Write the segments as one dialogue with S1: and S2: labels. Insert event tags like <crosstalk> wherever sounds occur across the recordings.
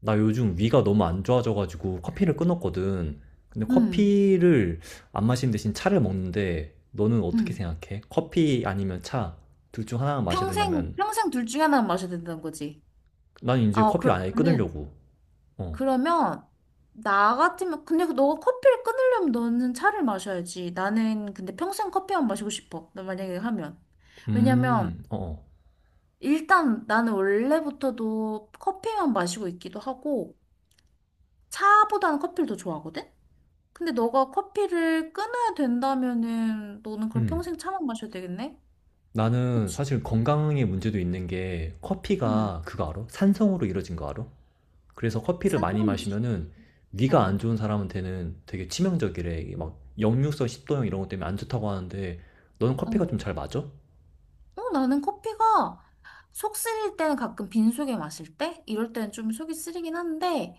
S1: 나 요즘 위가 너무 안 좋아져가지고 커피를 끊었거든. 근데
S2: 음,
S1: 커피를 안 마시는 대신 차를 먹는데 너는 어떻게
S2: 음.
S1: 생각해? 커피 아니면 차? 둘 중 하나만 마셔야
S2: 평생,
S1: 된다면
S2: 평생 둘 중에 하나는 마셔야 된다는 거지.
S1: 난 이제
S2: 아,
S1: 커피안 아예
S2: 그러면은,
S1: 끊으려고. 어.
S2: 그러면, 나 같으면, 근데 그 너가 커피를 끊으려면 너는 차를 마셔야지. 나는 근데 평생 커피만 마시고 싶어. 나 만약에 하면. 왜냐면,
S1: 어, 어.
S2: 일단 나는 원래부터도 커피만 마시고 있기도 하고, 차보다는 커피를 더 좋아하거든? 근데 너가 커피를 끊어야 된다면은, 너는 그럼
S1: 음.
S2: 평생 차만 마셔야 되겠네?
S1: 나는
S2: 그치?
S1: 사실 건강에 문제도 있는 게
S2: 응.
S1: 커피가, 그거 알아? 산성으로 이루어진 거 알아? 그래서 커피를 많이
S2: 사랑이지.
S1: 마시면은 위가
S2: 어,
S1: 안 좋은 사람한테는 되게 치명적이래. 이게 막 역류성 식도염 이런 것 때문에 안 좋다고 하는데 너는 커피가 좀
S2: 어.
S1: 잘 맞아?
S2: 어, 나는 커피가 속 쓰릴 때는 가끔 빈속에 마실 때? 이럴 때는 좀 속이 쓰리긴 한데,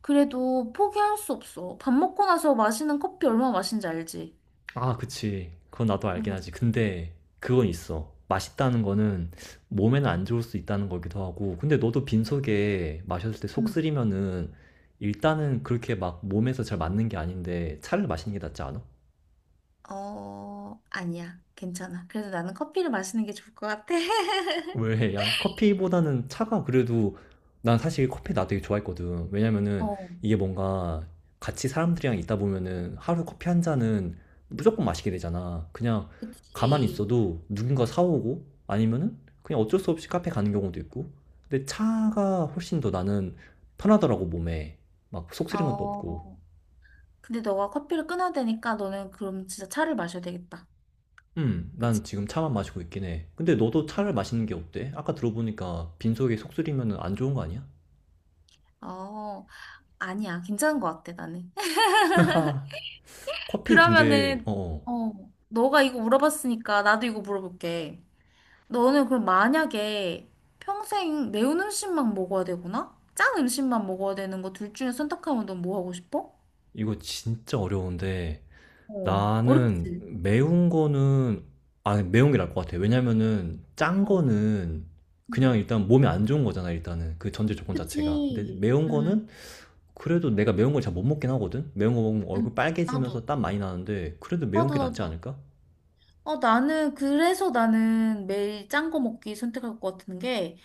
S2: 그래도 포기할 수 없어. 밥 먹고 나서 마시는 커피 얼마나 맛있는지 알지?
S1: 아, 그치. 그건 나도 알긴
S2: 음,
S1: 하지. 근데 그건 있어. 맛있다는 거는 몸에는 안 좋을 수 있다는 거기도 하고. 근데 너도 빈속에 마셨을 때 속
S2: 음.
S1: 쓰리면은 일단은 그렇게 막 몸에서 잘 맞는 게 아닌데 차를 마시는 게 낫지 않아?
S2: 어, 아니야. 괜찮아. 그래도 나는 커피를 마시는 게 좋을 것 같아. <laughs>
S1: 왜? 야, 커피보다는 차가 그래도. 난 사실 커피 나 되게 좋아했거든. 왜냐면은
S2: 어,
S1: 이게 뭔가 같이 사람들이랑 있다 보면은 하루 커피 한 잔은 무조건 마시게 되잖아. 그냥 가만히
S2: 그치.
S1: 있어도 누군가 사오고 아니면은 그냥 어쩔 수 없이 카페 가는 경우도 있고. 근데 차가 훨씬 더 나는 편하더라고, 몸에. 막 속 쓰린 것도 없고.
S2: 어, 근데 너가 커피를 끊어야 되니까 너는 그럼 진짜 차를 마셔야 되겠다. 그치?
S1: 난 지금 차만 마시고 있긴 해. 근데 너도
S2: 응.
S1: 차를 마시는 게 어때? 아까 들어보니까 빈속에 속 쓰리면은 안 좋은 거 아니야?
S2: 어, 아니야. 괜찮은 것 같아, 나는.
S1: <laughs> 커피 근데
S2: 그러면은,
S1: 어 어.
S2: 어, 너가 이거 물어봤으니까 나도 이거 물어볼게. 너는 그럼 만약에 평생 매운 음식만 먹어야 되구나? 짠 음식만 먹어야 되는 거 둘 중에 선택하면 넌 뭐 하고 싶어?
S1: 이거 진짜 어려운데
S2: 어,
S1: 나는
S2: 어렵지. 음.
S1: 매운 거는, 아 매운 게 나을 것 같아. 왜냐면은 짠
S2: 어,
S1: 거는 그냥
S2: 음.
S1: 일단 몸에 안 좋은 거잖아, 일단은 그 전제 조건 자체가. 근데
S2: 그치.
S1: 매운 거는 그래도 내가 매운 걸 잘 못 먹긴 하거든. 매운 거 먹으면 얼굴
S2: 나도,
S1: 빨개지면서 땀 많이 나는데 그래도 매운
S2: 나도,
S1: 게 낫지
S2: 나도.
S1: 않을까?
S2: 어, 그래서 나는 매일 짠 거 먹기 선택할 것 같은 게,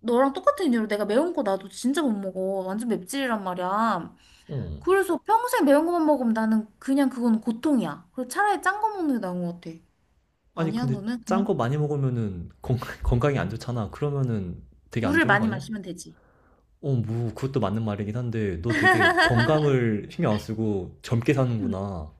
S2: 너랑 똑같은 이유로 내가 매운 거 나도 진짜 못 먹어. 완전 맵찔이란 말이야.
S1: 어.
S2: 그래서 평생 매운 것만 먹으면 나는 그냥 그건 고통이야. 그래서 차라리 짠 거 먹는 게 나은 것 같아.
S1: 아니
S2: 아니야,
S1: 근데
S2: 너는
S1: 짠
S2: 그냥
S1: 거 많이 먹으면은 건 <laughs> 건강에 안 좋잖아. 그러면은 되게 안
S2: 물을
S1: 좋은 거
S2: 많이
S1: 아니야?
S2: 마시면 되지.
S1: 어, 뭐, 그것도 맞는 말이긴 한데, 너 되게 건강을 신경 안 쓰고 젊게
S2: 음.
S1: 사는구나.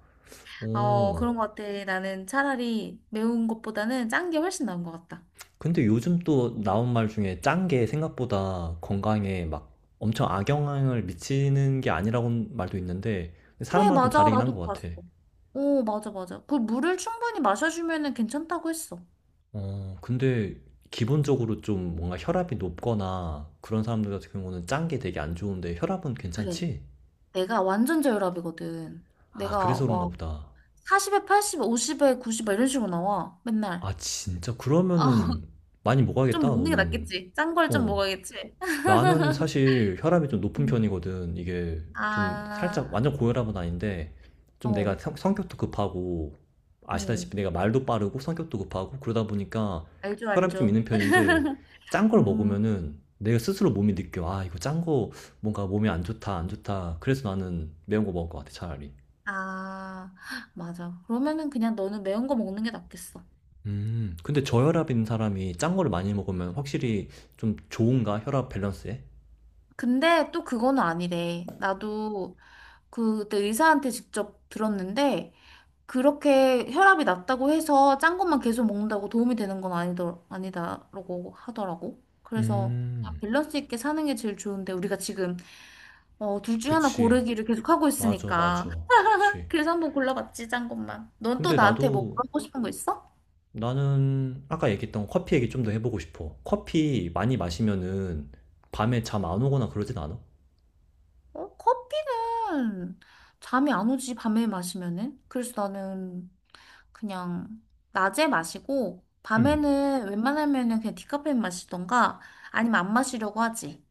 S2: 어,
S1: 어.
S2: 그런 것 같아. 나는 차라리 매운 것보다는 짠 게 훨씬 나은 것 같다.
S1: 근데 요즘 또 나온 말 중에 짠 게 생각보다 건강에 막 엄청 악영향을 미치는 게 아니라고 말도 있는데,
S2: 그래,
S1: 사람마다 좀
S2: 맞아.
S1: 다르긴 한
S2: 나도
S1: 것
S2: 봤어.
S1: 같아.
S2: 오, 맞아, 맞아. 그 물을 충분히 마셔주면은 괜찮다고 했어.
S1: 어, 근데 기본적으로 좀 뭔가 혈압이 높거나 그런 사람들 같은 경우는 짠 게 되게 안 좋은데 혈압은
S2: 그래.
S1: 괜찮지?
S2: 내가 완전 저혈압이거든.
S1: 아,
S2: 내가
S1: 그래서 그런가
S2: 와,
S1: 보다.
S2: 40에 80에 50에 90에 이런 식으로 나와. 맨날.
S1: 아, 진짜?
S2: 어, <laughs>
S1: 그러면은 많이
S2: 좀
S1: 먹어야겠다,
S2: 먹는 게
S1: 너는.
S2: 낫겠지. 짠 걸 좀
S1: 어.
S2: 먹어야겠지.
S1: 나는 사실 혈압이 좀 높은 편이거든. 이게 좀 살짝
S2: 아,
S1: 완전 고혈압은 아닌데 좀 내가
S2: 어,
S1: 성, 성격도 급하고,
S2: 어,
S1: 아시다시피 내가 말도 빠르고 성격도 급하고 그러다 보니까
S2: 알죠,
S1: 혈압이 좀
S2: 알죠.
S1: 있는 편인데 짠 걸
S2: 음,
S1: 먹으면은 내가 스스로 몸이 느껴. 아, 이거 짠 거 뭔가 몸에 안 좋다, 안 좋다. 그래서 나는 매운 거 먹을 것 같아, 차라리.
S2: 아, <gasps> 맞아. 그러면은 그냥 너는 매운 거 먹는 게 낫겠어.
S1: 근데 저혈압인 사람이 짠 거를 많이 먹으면 확실히 좀 좋은가? 혈압 밸런스에?
S2: 근데 또 그거는 아니래. 나도 그때 의사한테 직접 들었는데, 그렇게 혈압이 낮다고 해서 짠 것만 계속 먹는다고 도움이 되는 건 아니다라고 하더라고. 그래서 그냥
S1: 음,
S2: 밸런스 있게 사는 게 제일 좋은데, 우리가 지금 어, 둘 중에 하나
S1: 그치.
S2: 고르기를 계속 하고
S1: 맞아,
S2: 있으니까.
S1: 맞아.
S2: <laughs>
S1: 그렇지.
S2: 그래서 한번 골라봤지, 짠 것만. 넌 또
S1: 근데
S2: 나한테 뭐
S1: 나도
S2: 물어보고 싶은 거 있어?
S1: 나는 아까 얘기했던 커피 얘기 좀 더 해보고 싶어. 커피 많이 마시면은 밤에 잠 안 오거나 그러진 않아?
S2: 어, 커피는 잠이 안 오지, 밤에 마시면은. 그래서 나는 그냥 낮에 마시고,
S1: 음.
S2: 밤에는 웬만하면은 그냥 디카페인 마시던가, 아니면 안 마시려고 하지.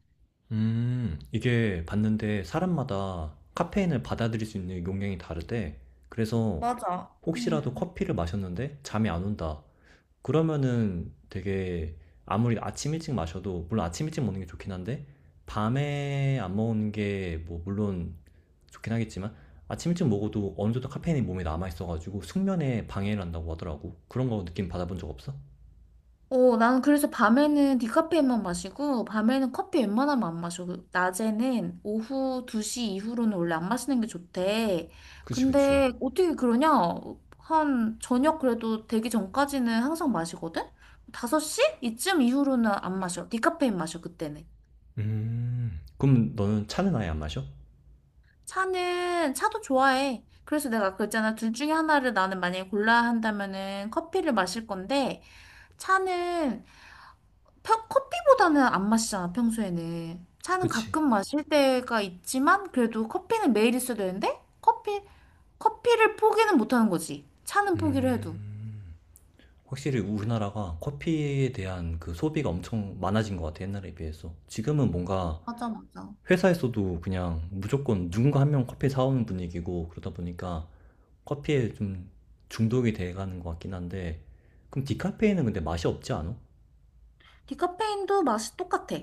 S1: 이게 봤는데 사람마다 카페인을 받아들일 수 있는 용량이 다르대. 그래서
S2: 맞아.
S1: 혹시라도
S2: 음.
S1: 커피를 마셨는데 잠이 안 온다. 그러면은 되게 아무리 아침 일찍 마셔도, 물론 아침 일찍 먹는 게 좋긴 한데 밤에 안 먹는 게 뭐 물론 좋긴 하겠지만 아침 일찍 먹어도 어느 정도 카페인이 몸에 남아 있어가지고 숙면에 방해를 한다고 하더라고. 그런 거 느낌 받아본 적 없어?
S2: 어, 나는 그래서 밤에는 디카페인만 마시고, 밤에는 커피 웬만하면 안 마셔. 그 낮에는 오후 2시 이후로는 원래 안 마시는 게 좋대.
S1: 그치 그치.
S2: 근데 어떻게 그러냐? 한 저녁 그래도 되기 전까지는 항상 마시거든? 5시? 이쯤 이후로는 안 마셔. 디카페인 마셔, 그때는.
S1: 그럼 너는 차는 아예 안 마셔?
S2: 차는, 차도 좋아해. 그래서 내가 아까 그랬잖아. 둘 중에 하나를 나는 만약에 골라야 한다면은 커피를 마실 건데, 차는 커피보다는 안 마시잖아, 평소에는. 차는
S1: 그치.
S2: 가끔 마실 때가 있지만, 그래도 커피는 매일 있어야 되는데, 커피를 포기는 못 하는 거지. 차는 포기를 해도.
S1: 음, 확실히 우리나라가 커피에 대한 그 소비가 엄청 많아진 것 같아, 옛날에 비해서. 지금은 뭔가
S2: 맞아, 맞아.
S1: 회사에서도 그냥 무조건 누군가 한 명 커피 사오는 분위기고, 그러다 보니까 커피에 좀 중독이 돼가는 것 같긴 한데 그럼 디카페인은 근데 맛이 없지 않아?
S2: 디카페인도 맛이 똑같아.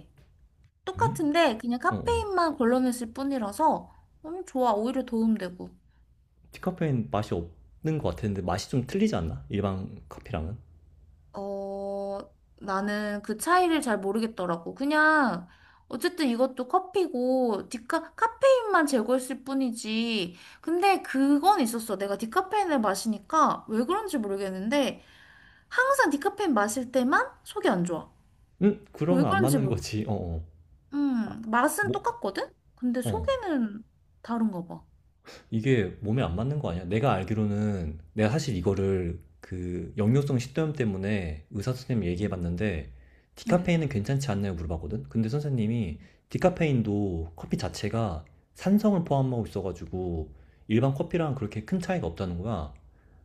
S1: 왜?
S2: 똑같은데, 그냥
S1: 어, 어.
S2: 카페인만 걸러냈을 뿐이라서, 좋아. 오히려 도움되고.
S1: 디카페인 맛이 없는 것 같은데 맛이 좀 틀리지 않나? 일반 커피랑은?
S2: 어, 나는 그 차이를 잘 모르겠더라고. 그냥, 어쨌든 이것도 커피고, 카페인만 제거했을 뿐이지. 근데 그건 있었어. 내가 디카페인을 마시니까, 왜 그런지 모르겠는데, 항상 디카페인 마실 때만 속이 안 좋아.
S1: 응?
S2: 왜
S1: 그러면 안
S2: 그런지
S1: 맞는
S2: 모르겠어.
S1: 거지. 어, 어.
S2: 맛은
S1: 뭐,
S2: 똑같거든? 근데
S1: 어.
S2: 속에는 다른가 봐.
S1: 이게 몸에 안 맞는 거 아니야? 내가 알기로는, 내가 사실 이거를 그 역류성 식도염 때문에 의사 선생님 얘기해
S2: 음.
S1: 봤는데
S2: 음.
S1: 디카페인은 괜찮지 않나요? 물어봤거든. 근데 선생님이 디카페인도 커피 자체가 산성을 포함하고 있어가지고 일반 커피랑 그렇게 큰 차이가 없다는 거야.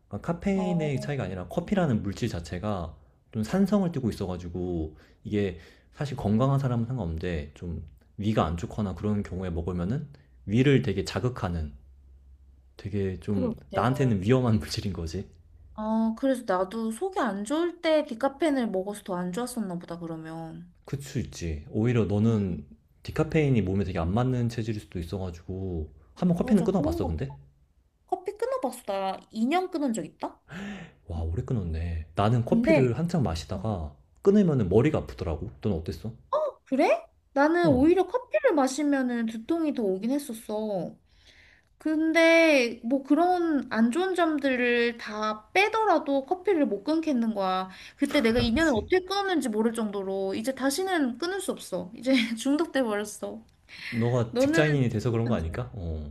S1: 그러니까
S2: 어,
S1: 카페인의 차이가 아니라 커피라는 물질 자체가 좀 산성을 띠고 있어가지고 이게 사실 건강한 사람은 상관없는데 좀 위가 안 좋거나 그런 경우에 먹으면은 위를 되게 자극하는, 되게 좀
S2: 그러게. 내가
S1: 나한테는 위험한 <laughs> 물질인 거지.
S2: 아, 그래서 나도 속이 안 좋을 때 디카페인을 먹어서 더 안 좋았었나 보다, 그러면.
S1: 그럴 수 있지. 오히려
S2: 음,
S1: 너는 디카페인이 몸에 되게 안 맞는 체질일 수도 있어가지고. 한번 커피는
S2: 맞아. 그런
S1: 끊어봤어
S2: 거
S1: 근데?
S2: 커피 끊어봤어. 나 2년 끊은 적 있다?
S1: 와 오래 끊었네. 나는
S2: 근데,
S1: 커피를 한창
S2: 어.
S1: 마시다가 끊으면 머리가 아프더라고. 넌 어땠어?
S2: 그래? 나는
S1: 어,
S2: 오히려 커피를 마시면은 두통이 더 오긴 했었어. 근데 뭐 그런 안 좋은 점들을 다 빼더라도 커피를 못 끊겠는 거야. 그때
S1: <laughs>
S2: 내가
S1: 아,
S2: 2년을
S1: 그치.
S2: 어떻게 끊었는지 모를 정도로 이제 다시는 끊을 수 없어. 이제 <laughs> 중독돼 버렸어.
S1: 너가
S2: 너는
S1: 직장인이 돼서 그런 거 아닐까? 어.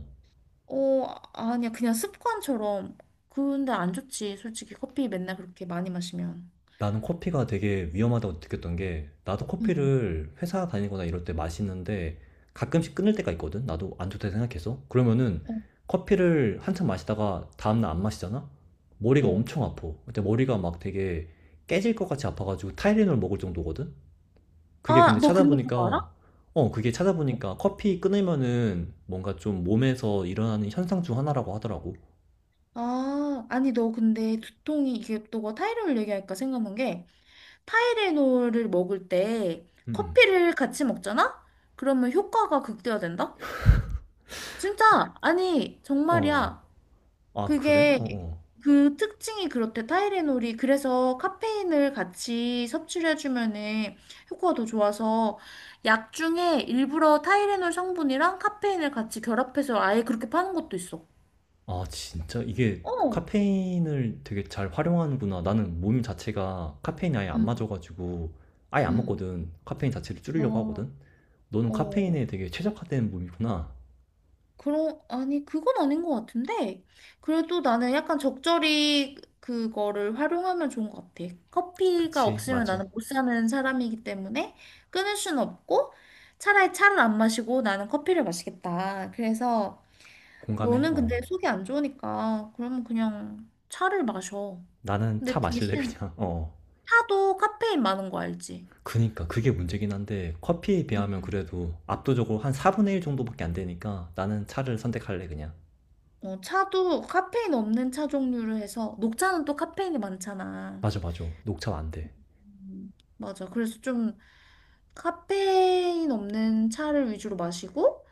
S2: 어, 아니야. 그냥 습관처럼. 근데 안 좋지. 솔직히 커피 맨날 그렇게 많이 마시면.
S1: 나는 커피가 되게 위험하다고 느꼈던 게, 나도
S2: 응.
S1: 커피를 회사 다니거나 이럴 때 마시는데, 가끔씩 끊을 때가 있거든? 나도 안 좋다 생각해서. 그러면은,
S2: 어,
S1: 커피를 한참 마시다가 다음날 안 마시잖아? 머리가
S2: 어.
S1: 엄청 아파. 근데 머리가 막 되게 깨질 것 같이 아파가지고 타이레놀 먹을 정도거든? 그게 근데
S2: 아, 너 근데 그거 알아?
S1: 찾아보니까, 어, 그게 찾아보니까 커피 끊으면은 뭔가 좀 몸에서 일어나는 현상 중 하나라고 하더라고.
S2: 아, 아니, 너 근데 두통이, 이게 너가 타이레놀 얘기하니까 생각난 게, 타이레놀을 먹을 때
S1: 음. 음.
S2: 커피를 같이 먹잖아? 그러면 효과가 극대화된다? 진짜! 아니,
S1: 어.
S2: 정말이야.
S1: 아, 그래? 어,
S2: 그게
S1: 어.
S2: 그 특징이 그렇대. 타이레놀이 그래서 카페인을 같이 섭취를 해주면은 효과가 더 좋아서 약 중에 일부러 타이레놀 성분이랑 카페인을 같이 결합해서 아예 그렇게 파는 것도 있어.
S1: 아, 진짜 이게
S2: 어.
S1: 카페인을 되게 잘 활용하는구나. 나는 몸 자체가 카페인이 아예 안
S2: 응,
S1: 맞아가지고 아예 안
S2: 응.
S1: 먹거든. 카페인 자체를 줄이려고
S2: 어.
S1: 하거든. 너는
S2: 어.
S1: 카페인에 되게 최적화된 몸이구나.
S2: 아니, 그건 아닌 것 같은데. 그래도 나는 약간 적절히 그거를 활용하면 좋은 것 같아. 커피가
S1: 그치,
S2: 없으면
S1: 맞아.
S2: 나는 못 사는 사람이기 때문에 끊을 수는 없고 차라리 차를 안 마시고 나는 커피를 마시겠다. 그래서
S1: 공감해.
S2: 너는 근데
S1: 어.
S2: 속이 안 좋으니까 그러면 그냥 차를 마셔.
S1: 나는 차
S2: 근데
S1: 마실래,
S2: 대신
S1: 그냥. 어.
S2: 차도 카페인 많은 거 알지?
S1: 그니까 그게 문제긴 한데 커피에 비하면
S2: 음.
S1: 그래도 압도적으로 한 4분의 1 정도밖에 안 되니까 나는 차를 선택할래, 그냥.
S2: 어, 차도 카페인 없는 차 종류를 해서 녹차는 또 카페인이 많잖아.
S1: 맞아, 맞아. 녹차 안 돼.
S2: 음, 맞아. 그래서 좀 카페인 없는 차를 위주로 마시고,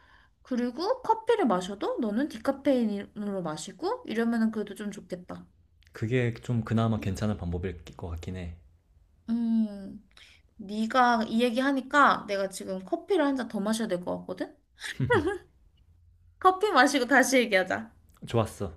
S2: 그리고 커피를 마셔도 너는 디카페인으로 마시고, 이러면은 그래도 좀 좋겠다.
S1: 그게 좀 그나마 괜찮은 방법일 것 같긴 해.
S2: 음, 네가 이 얘기 하니까 내가 지금 커피를 한 잔 더 마셔야 될 것 같거든? 커피 마시고 다시 얘기하자.
S1: 좋았어.